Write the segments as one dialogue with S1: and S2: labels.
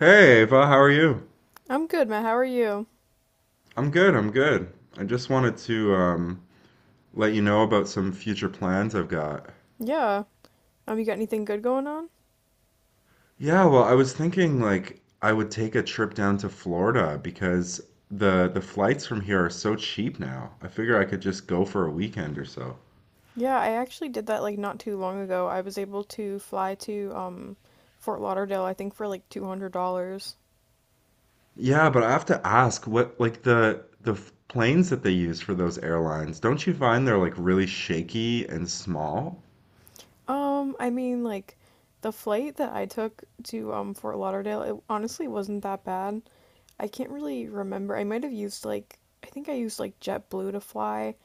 S1: Hey, Ava, how are you?
S2: I'm good, Matt. How are you?
S1: I'm good, I just wanted to let you know about some future plans I've got.
S2: Yeah. You got anything good going on?
S1: Yeah, well, I was thinking like I would take a trip down to Florida because the flights from here are so cheap now. I figure I could just go for a weekend or so.
S2: Yeah, I actually did that, like, not too long ago. I was able to fly to Fort Lauderdale, I think, for like $200.
S1: Yeah, but I have to ask what like the planes that they use for those airlines, don't you find they're like really shaky and small?
S2: I mean, like the flight that I took to Fort Lauderdale, it honestly wasn't that bad. I can't really remember. I might have used like I think I used JetBlue to fly.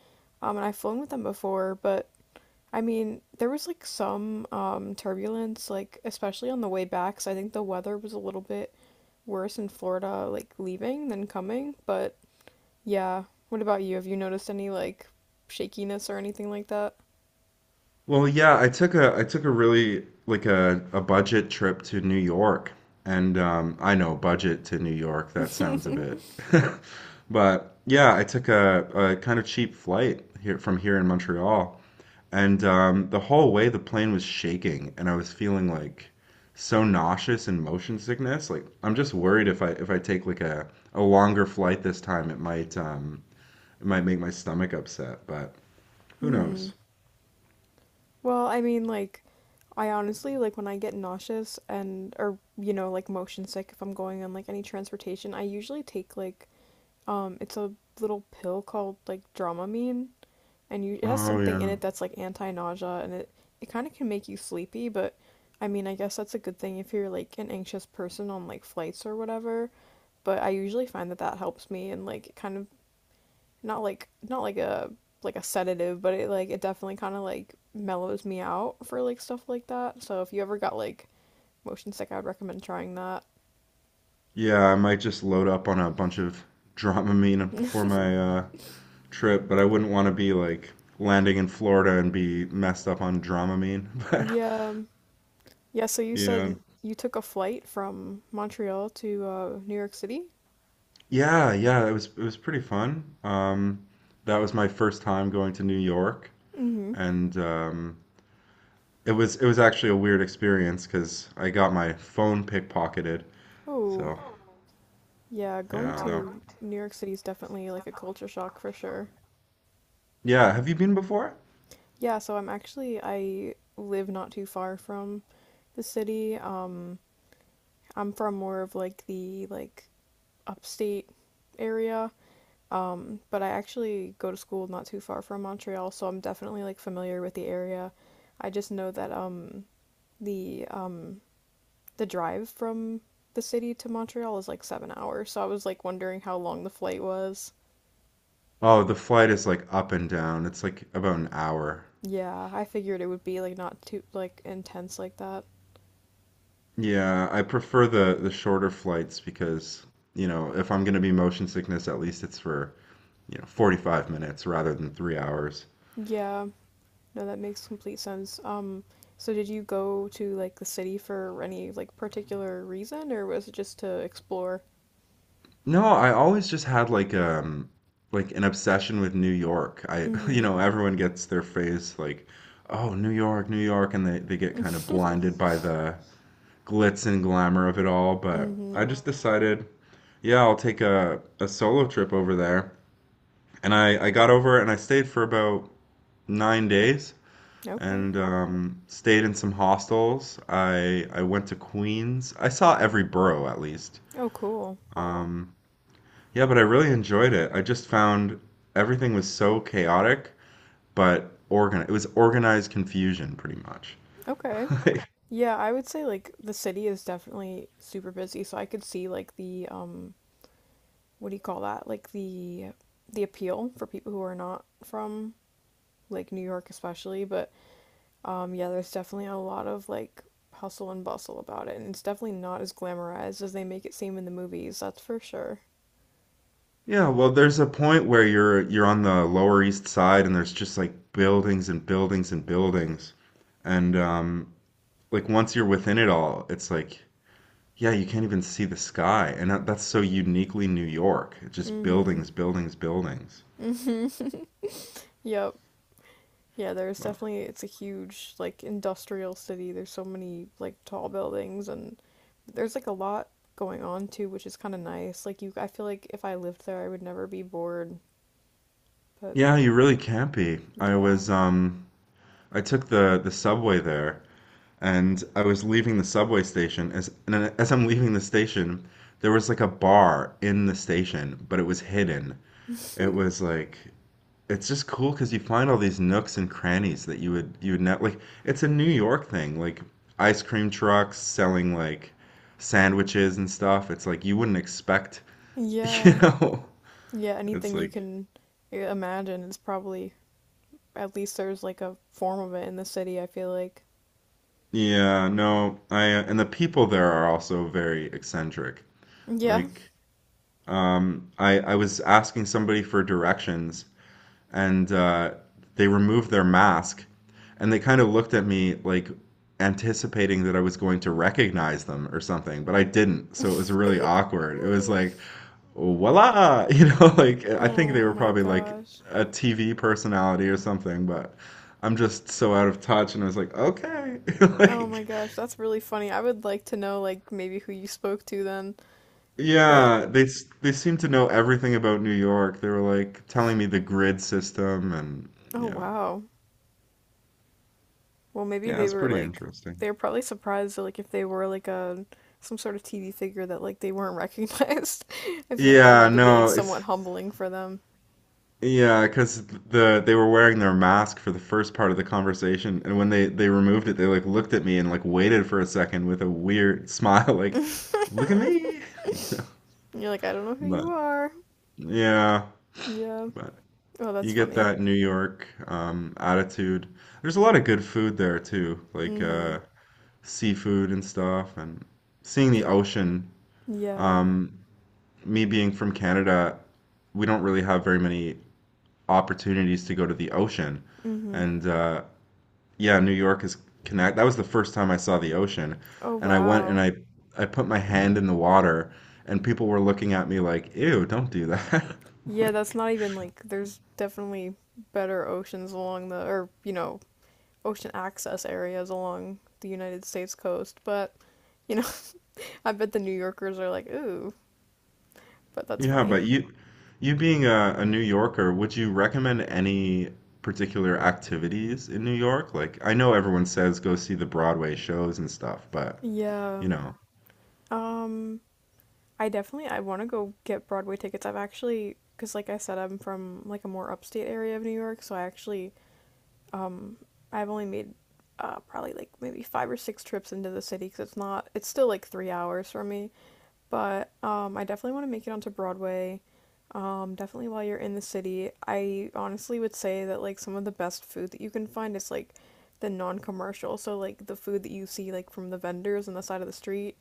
S2: And I've flown with them before, but I mean, there was like some turbulence, like especially on the way back, so I think the weather was a little bit worse in Florida, like leaving than coming, but yeah. What about you? Have you noticed any like shakiness or anything like that?
S1: Well, yeah, I took a really like a budget trip to New York. And I know budget to New York, that sounds a bit. But yeah, I took a kind of cheap flight here from here in Montreal. And the whole way the plane was shaking and I was feeling like so nauseous and motion sickness. Like I'm just worried if I take like a longer flight this time, it might make my stomach upset, but who
S2: Hmm.
S1: knows?
S2: Well, I mean, like, I honestly, like, when I get nauseous and, or, you know, like, motion sick, if I'm going on like any transportation, I usually take, like, it's a little pill called like Dramamine, and you it has
S1: Oh
S2: something in
S1: yeah.
S2: it that's like anti-nausea, and it kind of can make you sleepy, but I mean, I guess that's a good thing if you're like an anxious person on like flights or whatever. But I usually find that that helps me, and like it kind of not like not like a like a sedative, but it like it definitely kind of like mellows me out for like stuff like that. So if you ever got like motion sick, I would recommend trying that.
S1: Yeah, I might just load up on a bunch of Dramamine before my trip, but I wouldn't want to be like landing in Florida and be messed up on Dramamine. But
S2: Yeah. Yeah, so you
S1: yeah,
S2: said you took a flight from Montreal to New York City?
S1: yeah, yeah. It was pretty fun. That was my first time going to New York,
S2: Mm-hmm.
S1: and it was actually a weird experience because I got my phone pickpocketed.
S2: Oh,
S1: So
S2: yeah, going
S1: yeah,
S2: to New York City is definitely like a culture shock for sure.
S1: yeah. Have you been before?
S2: Yeah, so I'm actually, I live not too far from the city. I'm from more of like the like upstate area. But I actually go to school not too far from Montreal, so I'm definitely like familiar with the area. I just know that the um the drive from the city to Montreal is like 7 hours, so I was like wondering how long the flight was.
S1: Oh, the flight is like up and down. It's like about an hour.
S2: Yeah, I figured it would be like not too like intense like that.
S1: Yeah, I prefer the shorter flights because, you know, if I'm going to be motion sickness, at least it's for, 45 minutes rather than 3 hours.
S2: Yeah, no, that makes complete sense. So did you go to like the city for any like particular reason, or was it just to explore?
S1: No, I always just had like an obsession with New York. I, you
S2: Mm-hmm.
S1: know, everyone gets their phase like, oh, New York, New York, and they get kind of blinded by the glitz and glamour of it all, but
S2: Mm-hmm.
S1: I just decided, yeah, I'll take a solo trip over there. And I got over and I stayed for about nine days.
S2: Okay.
S1: And stayed in some hostels. I went to Queens. I saw every borough at least.
S2: Oh, cool.
S1: Um, yeah, but I really enjoyed it. I just found everything was so chaotic, but organ it was organized confusion pretty much.
S2: Okay. Yeah, I would say like the city is definitely super busy, so I could see like the what do you call that? Like the appeal for people who are not from like New York especially, but yeah, there's definitely a lot of like hustle and bustle about it, and it's definitely not as glamorized as they make it seem in the movies. That's for sure.
S1: Yeah, well, there's a point where you're on the Lower East Side and there's just like buildings and buildings and buildings. And like once you're within it all, it's like yeah, you can't even see the sky, and that's so uniquely New York. It's just
S2: Mhm.
S1: buildings, buildings, buildings.
S2: Mhm. Yep. Yeah, there's
S1: But
S2: definitely it's a huge like industrial city. There's so many like tall buildings, and there's like a lot going on too, which is kind of nice. Like you I feel like if I lived there, I would never be bored, but
S1: yeah, you really can't be. I
S2: yeah.
S1: was I took the subway there, and I was leaving the subway station as I'm leaving the station, there was like a bar in the station, but it was hidden. It was like it's just cool because you find all these nooks and crannies that you would not like. It's a New York thing, like ice cream trucks selling like sandwiches and stuff. It's like you wouldn't expect, you
S2: Yeah.
S1: know.
S2: Yeah,
S1: It's
S2: anything you
S1: like
S2: can imagine is probably at least there's like a form of it in the city, I feel like.
S1: yeah, no, I and the people there are also very eccentric.
S2: Yeah.
S1: Like I was asking somebody for directions and they removed their mask and they kind of looked at me like anticipating that I was going to recognize them or something, but I didn't. So it was really awkward. It was like, voila, you know, like I think
S2: Oh
S1: they were
S2: my
S1: probably like
S2: gosh.
S1: a TV personality or something, but I'm just so out of touch. And I was like, okay,
S2: Oh my
S1: like,
S2: gosh, that's really funny. I would like to know like maybe who you spoke to then. But
S1: yeah, they seem to know everything about New York. They were like telling me the grid system and
S2: oh,
S1: yeah,
S2: wow. Well, maybe
S1: yeah,
S2: they
S1: it's
S2: were
S1: pretty
S2: like
S1: interesting.
S2: they were probably surprised that like if they were like a some sort of TV figure that like they weren't recognized. I feel like that
S1: Yeah,
S2: had to be like
S1: no,
S2: somewhat
S1: it's
S2: humbling for them.
S1: yeah, cause they were wearing their mask for the first part of the conversation, and when they removed it, they like looked at me and like waited for a second with a weird smile, like,
S2: You're
S1: "Look at me," you know.
S2: like, I don't know who you
S1: But
S2: are.
S1: yeah,
S2: Yeah.
S1: but
S2: Oh, that's
S1: you get
S2: funny.
S1: that New York attitude. There's a lot of good food there too, like
S2: Mm-hmm.
S1: seafood and stuff, and seeing the
S2: Did
S1: ocean.
S2: yeah.
S1: Um, me being from Canada, we don't really have very many opportunities to go to the ocean.
S2: Mm-hmm.
S1: And yeah, New York is connect. That was the first time I saw the ocean,
S2: Oh,
S1: and I went and
S2: wow.
S1: I put my hand in the water, and people were looking at me like, "Ew, don't do that."
S2: Yeah, that's
S1: Like,
S2: not even like there's definitely better oceans along the or, you know, ocean access areas along the United States coast, but you know, I bet the New Yorkers are like, "Ooh," but that's
S1: yeah,
S2: funny.
S1: but you being a New Yorker, would you recommend any particular activities in New York? Like, I know everyone says go see the Broadway shows and stuff, but
S2: Yeah.
S1: you know.
S2: Um, I definitely I want to go get Broadway tickets. I've actually because like I said, I'm from like a more upstate area of New York, so I actually I've only made probably like maybe five or six trips into the city because it's not, it's still like 3 hours from me. But I definitely want to make it onto Broadway. Definitely while you're in the city. I honestly would say that like some of the best food that you can find is like the non-commercial. So like the food that you see like from the vendors on the side of the street.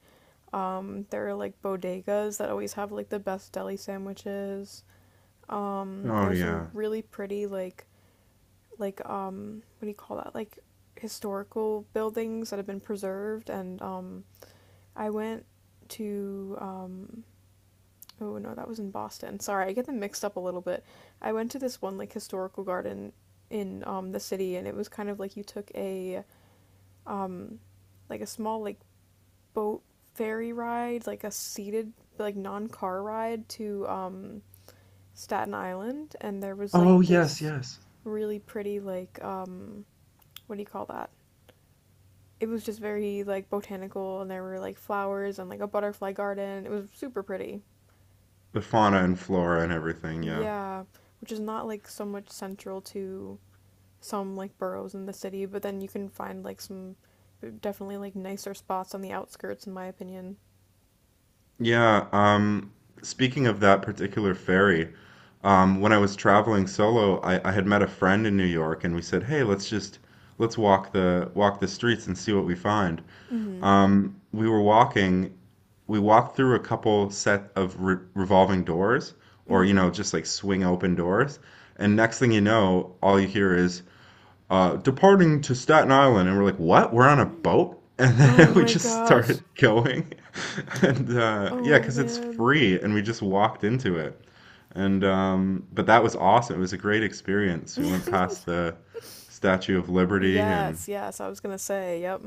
S2: There are like bodegas that always have like the best deli sandwiches.
S1: Oh
S2: There's some
S1: yeah.
S2: really pretty like what do you call that, like historical buildings that have been preserved, and I went to oh no, that was in Boston, sorry, I get them mixed up a little bit. I went to this one like historical garden in the city, and it was kind of like you took a like a small like boat ferry ride, like a seated like non-car ride to Staten Island, and there was like
S1: Oh yes,
S2: this
S1: yes.
S2: really pretty like what do you call that, it was just very like botanical and there were like flowers and like a butterfly garden. It was super pretty.
S1: The fauna and flora and everything, yeah.
S2: Yeah, which is not like so much central to some like boroughs in the city, but then you can find like some definitely like nicer spots on the outskirts, in my opinion.
S1: Yeah, speaking of that particular ferry, when I was traveling solo, I had met a friend in New York, and we said, "Hey, let's walk the streets and see what we find."
S2: Mhm.
S1: Um, we were walking, we walked through a couple set of re revolving doors, or you
S2: Mhm.
S1: know, just like swing open doors, and next thing you know, all you hear is departing to Staten Island, and we're like, what? We're on a boat? And
S2: Oh
S1: then we
S2: my
S1: just
S2: gosh.
S1: started going, and yeah,
S2: Oh
S1: because it's
S2: man.
S1: free, and we just walked into it. And but that was awesome. It was a great experience. We went past the Statue of Liberty and
S2: Yes, yes. I was going to say, yep.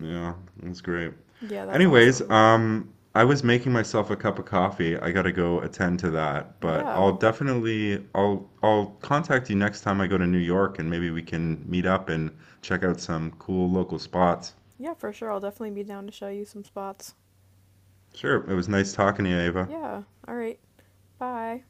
S1: yeah, that's great.
S2: Yeah, that's
S1: Anyways,
S2: awesome.
S1: I was making myself a cup of coffee. I gotta go attend to that, but
S2: Yeah.
S1: I'll contact you next time I go to New York and maybe we can meet up and check out some cool local spots.
S2: Yeah, for sure. I'll definitely be down to show you some spots.
S1: Sure, it was nice talking to you, Ava.
S2: Yeah. All right. Bye.